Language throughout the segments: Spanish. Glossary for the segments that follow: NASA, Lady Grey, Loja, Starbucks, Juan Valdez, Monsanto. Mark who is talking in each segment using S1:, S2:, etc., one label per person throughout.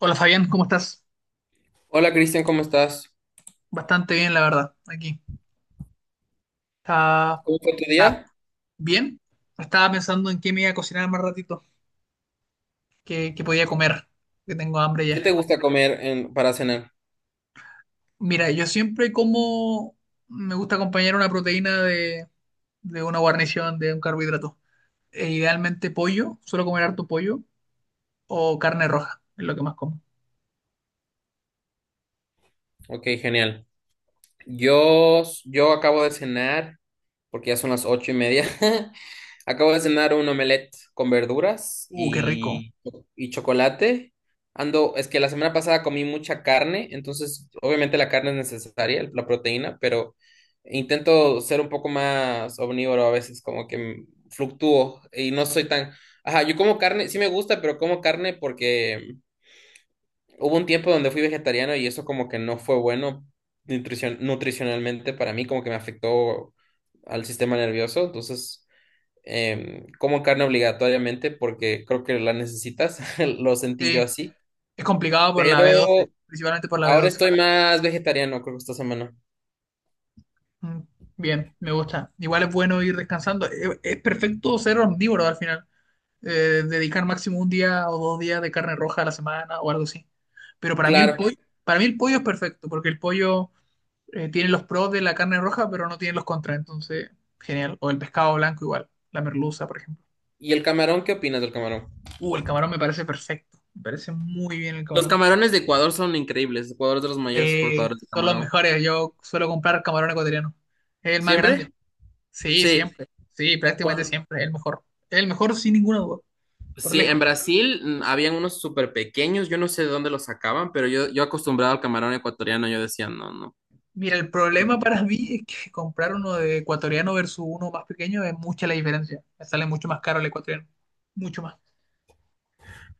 S1: Hola Fabián, ¿cómo estás?
S2: Hola Cristian, ¿cómo estás?
S1: Bastante bien, la verdad, aquí. Está,
S2: ¿Cómo fue tu
S1: está
S2: día?
S1: bien. Estaba pensando en qué me iba a cocinar más ratito, qué podía comer, que tengo hambre
S2: ¿Qué
S1: ya.
S2: te gusta comer para cenar?
S1: Mira, yo siempre como, me gusta acompañar una proteína de una guarnición, de un carbohidrato. E idealmente pollo, suelo comer harto pollo o carne roja, es lo que más como.
S2: Ok, genial. Yo acabo de cenar, porque ya son las 8:30. Acabo de cenar un omelette con verduras
S1: Qué rico.
S2: y chocolate. Ando, es que la semana pasada comí mucha carne, entonces obviamente la carne es necesaria, la proteína, pero intento ser un poco más omnívoro a veces, como que fluctúo y no soy tan... Ajá, yo como carne, sí me gusta, pero como carne porque hubo un tiempo donde fui vegetariano y eso como que no fue bueno nutricionalmente para mí, como que me afectó al sistema nervioso. Entonces, como carne obligatoriamente porque creo que la necesitas, lo sentí
S1: Sí,
S2: yo así.
S1: es complicado por la
S2: Pero
S1: b doce, principalmente por la b
S2: ahora
S1: doce.
S2: estoy más vegetariano, creo que esta semana.
S1: Mm, Bien, me gusta. Igual es bueno ir descansando. Perfecto ser omnívoro al final. Dedicar máximo un día o dos días de carne roja a la semana o algo así. Pero para mí el
S2: Claro.
S1: pollo, para mí el pollo es perfecto, porque el pollo tiene los pros de la carne roja, pero no tiene los contras. Entonces, genial. O el pescado blanco igual, la merluza, por ejemplo.
S2: ¿Y el camarón? ¿Qué opinas del camarón?
S1: El camarón me parece perfecto. Me parece muy bien el
S2: Los
S1: camarón.
S2: camarones de Ecuador son increíbles. Ecuador es de los mayores exportadores de
S1: Son los
S2: camarón.
S1: mejores. Yo suelo comprar camarón ecuatoriano. Es el más grande.
S2: ¿Siempre?
S1: Sí,
S2: Sí.
S1: siempre. Sí, prácticamente
S2: Cuan-
S1: siempre. El mejor. El mejor sin ninguna duda. Por
S2: Sí, en
S1: lejos.
S2: Brasil habían unos súper pequeños, yo no sé de dónde los sacaban, pero yo acostumbrado al camarón ecuatoriano, yo decía, no, no.
S1: Mira, el problema
S2: No.
S1: para mí es que comprar uno de ecuatoriano versus uno más pequeño es mucha la diferencia. Me sale mucho más caro el ecuatoriano. Mucho más.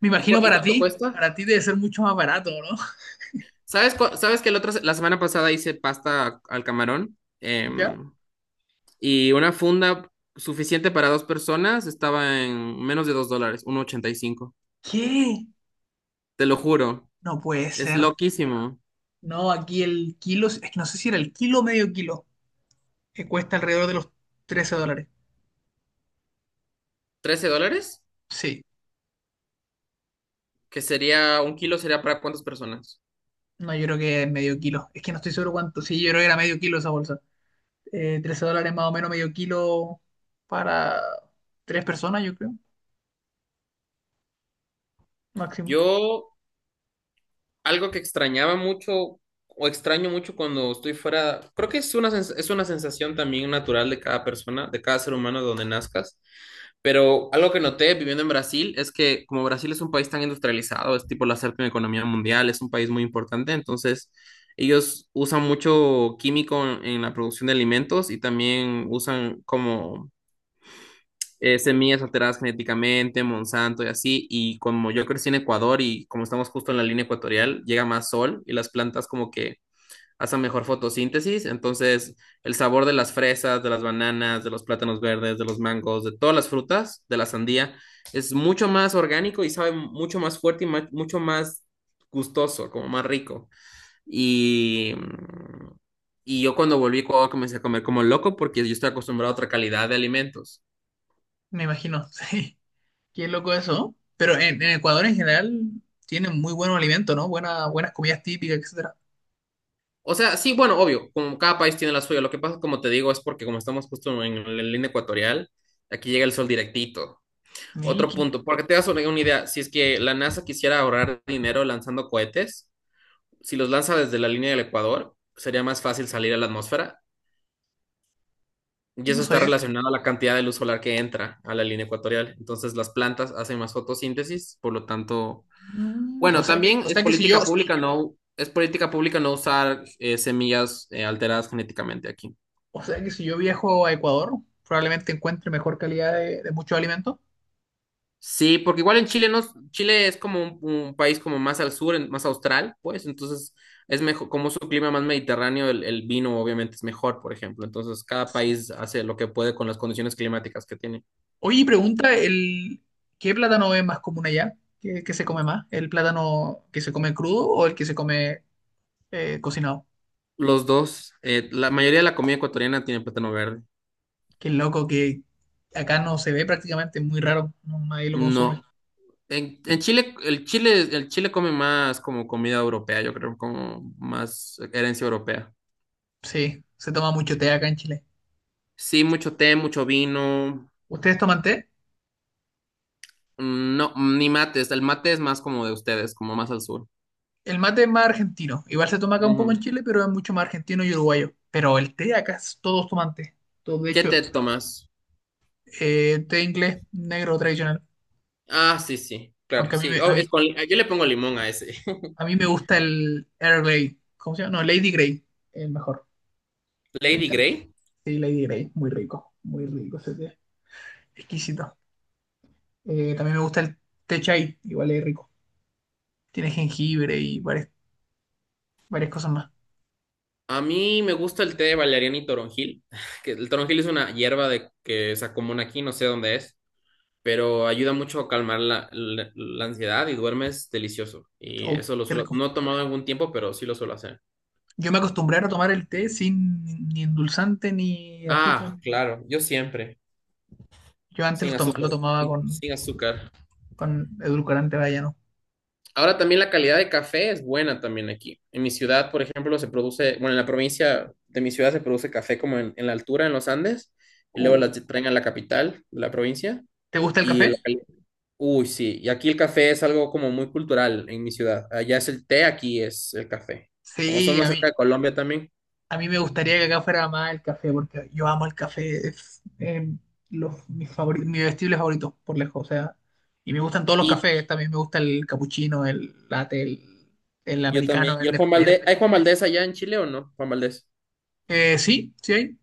S1: Me
S2: ¿Y,
S1: imagino
S2: y
S1: para
S2: cuánto
S1: ti.
S2: cuesta?
S1: Para ti debe ser mucho más barato, ¿no?
S2: ¿Sabes, sabes que el otro, la semana pasada hice pasta al camarón?
S1: ¿Ya?
S2: Y una funda suficiente para dos personas estaba en menos de $2, 1,85.
S1: ¿Qué?
S2: Te lo
S1: ¿Qué?
S2: juro,
S1: No puede
S2: es
S1: ser.
S2: loquísimo.
S1: No, aquí el kilo, es que no sé si era el kilo o medio kilo, que cuesta alrededor de los 13 dólares.
S2: ¿$13?
S1: Sí,
S2: Que sería, ¿un kilo sería para cuántas personas?
S1: no, yo creo que es medio kilo. Es que no estoy seguro cuánto. Sí, yo creo que era medio kilo esa bolsa. 13 dólares más o menos medio kilo para tres personas, yo creo, máximo.
S2: Yo algo que extrañaba mucho o extraño mucho cuando estoy fuera, creo que es una es una sensación también natural de cada persona, de cada ser humano donde nazcas, pero algo que noté viviendo en Brasil es que como Brasil es un país tan industrializado, es tipo la séptima economía mundial, es un país muy importante, entonces ellos usan mucho químico en la producción de alimentos y también usan como semillas alteradas genéticamente, Monsanto y así, y como yo crecí en Ecuador y como estamos justo en la línea ecuatorial, llega más sol y las plantas como que hacen mejor fotosíntesis, entonces el sabor de las fresas, de las bananas, de los plátanos verdes, de los mangos, de todas las frutas, de la sandía, es mucho más orgánico y sabe mucho más fuerte y mucho más gustoso, como más rico. Y, y yo cuando volví a Ecuador comencé a comer como loco porque yo estoy acostumbrado a otra calidad de alimentos.
S1: Me imagino, sí. Qué loco eso. Pero en Ecuador en general tienen muy buenos alimentos, ¿no? Buenas comidas típicas, etcétera.
S2: O sea, sí, bueno, obvio, como cada país tiene la suya. Lo que pasa, como te digo, es porque como estamos justo en la línea ecuatorial, aquí llega el sol directito.
S1: Mira,
S2: Otro
S1: qué,
S2: punto, porque te das una idea, si es que la NASA quisiera ahorrar dinero lanzando cohetes, si los lanza desde la línea del Ecuador, sería más fácil salir a la atmósfera. Y
S1: no
S2: eso está
S1: sabía.
S2: relacionado a la cantidad de luz solar que entra a la línea ecuatorial. Entonces las plantas hacen más fotosíntesis, por lo tanto,
S1: Mm,
S2: bueno, también
S1: o
S2: es
S1: sea que si
S2: política
S1: yo, sí,
S2: pública no, es política pública no usar semillas alteradas genéticamente aquí.
S1: o sea que si yo viajo a Ecuador, probablemente encuentre mejor calidad de muchos alimentos.
S2: Sí, porque igual en Chile no, Chile es como un país como más al sur, más austral, pues, entonces es mejor, como su clima más mediterráneo, el vino obviamente es mejor, por ejemplo. Entonces cada
S1: Sí.
S2: país hace lo que puede con las condiciones climáticas que tiene.
S1: Oye, y pregunta, el, ¿qué plátano es más común allá? ¿Qué se come más? ¿El plátano que se come crudo o el que se come cocinado?
S2: Los dos, la mayoría de la comida ecuatoriana tiene plátano verde.
S1: Qué loco que acá no se ve prácticamente, es muy raro, nadie lo consume.
S2: No, en Chile, el Chile come más como comida europea, yo creo, como más herencia europea.
S1: Sí, se toma mucho té acá en Chile.
S2: Sí, mucho té, mucho vino.
S1: ¿Ustedes toman té?
S2: No, ni mates. El mate es más como de ustedes, como más al sur.
S1: El mate es más argentino. Igual se toma acá un poco en
S2: Ujú.
S1: Chile, pero es mucho más argentino y uruguayo. Pero el té acá es- todos toman té. Todos, de
S2: ¿Qué
S1: hecho,
S2: té tomas?
S1: té inglés negro tradicional.
S2: Ah, sí, sí, claro,
S1: Aunque
S2: sí. Oh, es yo le pongo limón a ese.
S1: a mí me gusta el Earl Grey. ¿Cómo se llama? No, Lady Grey. El mejor. Me
S2: Lady
S1: encanta.
S2: Grey.
S1: Sí, Lady Grey. Muy rico. Muy rico ese té. Exquisito. También me gusta el té chai, igual es rico. Tiene jengibre y varias cosas más.
S2: A mí me gusta el té de valeriana y toronjil, que el toronjil es una hierba de que se común aquí, no sé dónde es, pero ayuda mucho a calmar la, la ansiedad y duermes delicioso. Y
S1: Oh,
S2: eso lo
S1: qué
S2: suelo,
S1: rico.
S2: no he tomado en algún tiempo, pero sí lo suelo hacer.
S1: Yo me acostumbré a tomar el té sin ni endulzante ni azúcar,
S2: Ah,
S1: ni nada.
S2: claro, yo siempre,
S1: Yo antes
S2: sin
S1: lo
S2: azúcar,
S1: tomaba
S2: sin sin azúcar.
S1: con edulcorante, vaya, ¿no?
S2: Ahora también la calidad de café es buena también aquí. En mi ciudad, por ejemplo, se produce, bueno, en la provincia de mi ciudad se produce café como en la altura, en los Andes, y luego
S1: Uh,
S2: la traen a la capital de la provincia.
S1: ¿Te gusta el
S2: Y el,
S1: café?
S2: uy, sí, y aquí el café es algo como muy cultural en mi ciudad. Allá es el té, aquí es el café. Como estamos
S1: Sí, a
S2: más
S1: mí
S2: cerca de Colombia también.
S1: A mí me gustaría que acá fuera más el café, porque yo amo el café, es mis mi vestible favorito por lejos, o sea, y me gustan todos los
S2: Y
S1: cafés, también me gusta el capuchino, el latte, el
S2: yo también.
S1: americano,
S2: ¿Y el Juan
S1: el
S2: Valdez? ¿Hay Juan
S1: espresso.
S2: Valdez allá en Chile o no? Juan Valdez.
S1: Sí, sí hay.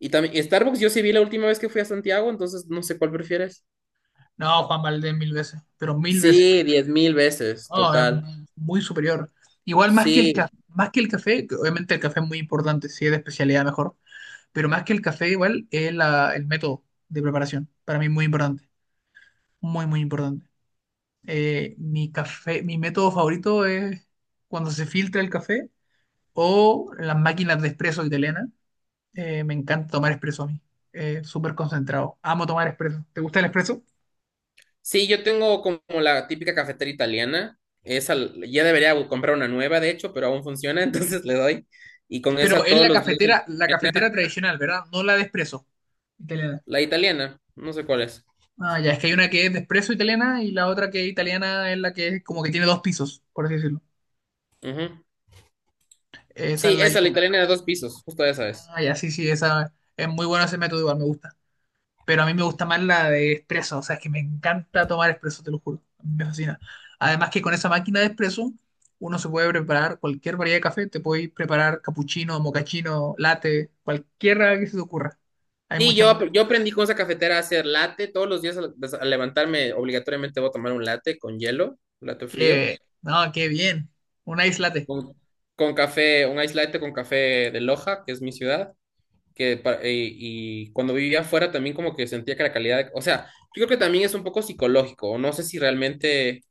S2: Y también, y Starbucks yo sí vi la última vez que fui a Santiago, entonces no sé cuál prefieres.
S1: No, Juan Valdez mil veces, pero mil veces.
S2: Sí, 10.000 veces,
S1: No, es
S2: total.
S1: muy superior. Igual más que el
S2: Sí,
S1: café, más que el café, que obviamente el café es muy importante, si es de especialidad mejor, pero más que el café igual el método de preparación, para mí muy importante, muy importante. Mi método favorito es cuando se filtra el café o las máquinas de espresso italianas. Me encanta tomar espresso a mí. Súper concentrado. Amo tomar espresso. ¿Te gusta el espresso?
S2: sí, yo tengo como la típica cafetera italiana. Esa ya debería comprar una nueva, de hecho, pero aún funciona, entonces le doy. Y con
S1: Pero
S2: esa
S1: es
S2: todos los días
S1: la cafetera tradicional, ¿verdad? No la de espresso italiana.
S2: la italiana, no sé cuál es.
S1: Ah, ya, es que hay una que es de espresso italiana y la otra que es italiana es la que es como que tiene dos pisos, por así decirlo.
S2: Ujú.
S1: Esa es
S2: Sí,
S1: la
S2: esa, la
S1: diferencia.
S2: italiana de dos pisos, justo esa es.
S1: Ah, ya, sí, sí, esa es muy buena ese método, igual me gusta. Pero a mí me gusta más la de espresso, o sea, es que me encanta tomar espresso, te lo juro, me fascina. Además que con esa máquina de espresso uno se puede preparar cualquier variedad de café, te puedes preparar cappuccino, mocachino, latte, cualquiera que se te ocurra. Hay
S2: Sí,
S1: mucha
S2: yo,
S1: más.
S2: yo aprendí con esa cafetera a hacer latte. Todos los días al, al levantarme, obligatoriamente voy a tomar un latte con hielo, un latte frío,
S1: No, qué bien, una islate.
S2: con, con café, un ice latte con café de Loja, que es mi ciudad. Que y cuando vivía afuera también como que sentía que la calidad, o sea, yo creo que también es un poco psicológico, o no sé si realmente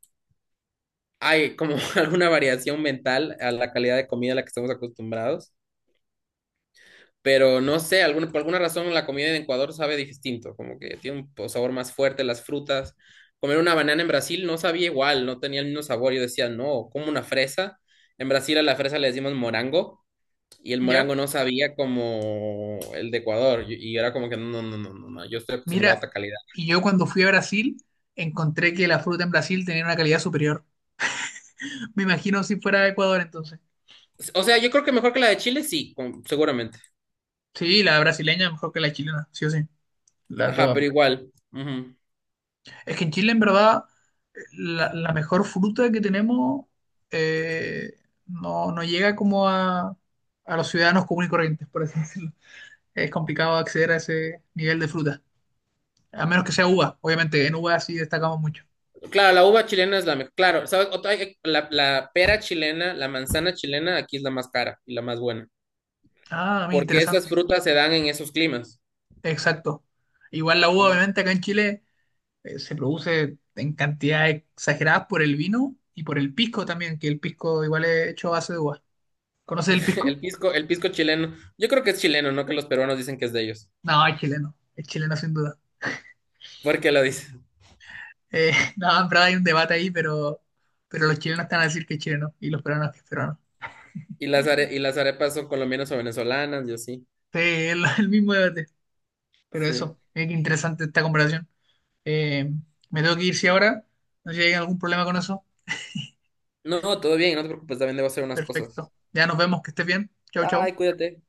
S2: hay como alguna variación mental a la calidad de comida a la que estamos acostumbrados, pero no sé, alguna, por alguna razón la comida en Ecuador sabe distinto, como que tiene un sabor más fuerte, las frutas, comer una banana en Brasil no sabía igual, no tenía el mismo sabor, yo decía, no, como una fresa, en Brasil a la fresa le decimos morango. Y el
S1: ¿Ya?
S2: morango no sabía como el de Ecuador. Y era como que no, no, no, no, no. Yo estoy acostumbrado a
S1: Mira,
S2: otra calidad.
S1: y yo cuando fui a Brasil encontré que la fruta en Brasil tenía una calidad superior. Me imagino si fuera de Ecuador entonces.
S2: O sea, yo creo que mejor que la de Chile, sí, seguramente.
S1: Sí, la brasileña mejor que la chilena, sí o sí. La
S2: Ajá,
S1: toda.
S2: pero igual. Ujú.
S1: Es que en Chile, en verdad, la mejor fruta que tenemos eh, no llega como a los ciudadanos comunes y corrientes, por así decirlo. Es complicado acceder a ese nivel de fruta, a menos que sea uva. Obviamente, en uva sí destacamos mucho.
S2: Claro, la uva chilena es la mejor. Claro, ¿sabes? La, la pera chilena, la manzana chilena, aquí es la más cara y la más buena.
S1: Ah, muy
S2: Porque esas
S1: interesante.
S2: frutas se dan en esos climas.
S1: Exacto. Igual la uva,
S2: Ujú.
S1: obviamente, acá en Chile se produce en cantidades exageradas por el vino y por el pisco también, que el pisco igual es hecho a base de uva. ¿Conoces el pisco?
S2: El pisco chileno. Yo creo que es chileno, no que los peruanos dicen que es de ellos.
S1: No, es chileno. Es chileno sin duda.
S2: ¿Por qué lo dicen?
S1: Eh, no, en verdad hay un debate ahí, pero los chilenos están a decir que es chileno y los peruanos que es peruano.
S2: Y las, y las arepas son colombianas o venezolanas, yo sí.
S1: Sí, el mismo debate. Pero
S2: Sí.
S1: eso, es que interesante esta comparación. Eh, Me tengo que ir si ahora. No sé si hay algún problema con eso.
S2: No, todo bien, no te preocupes, también debo hacer unas cosas.
S1: Perfecto. Ya nos vemos, que estés bien. Chau, chau.
S2: Bye, cuídate.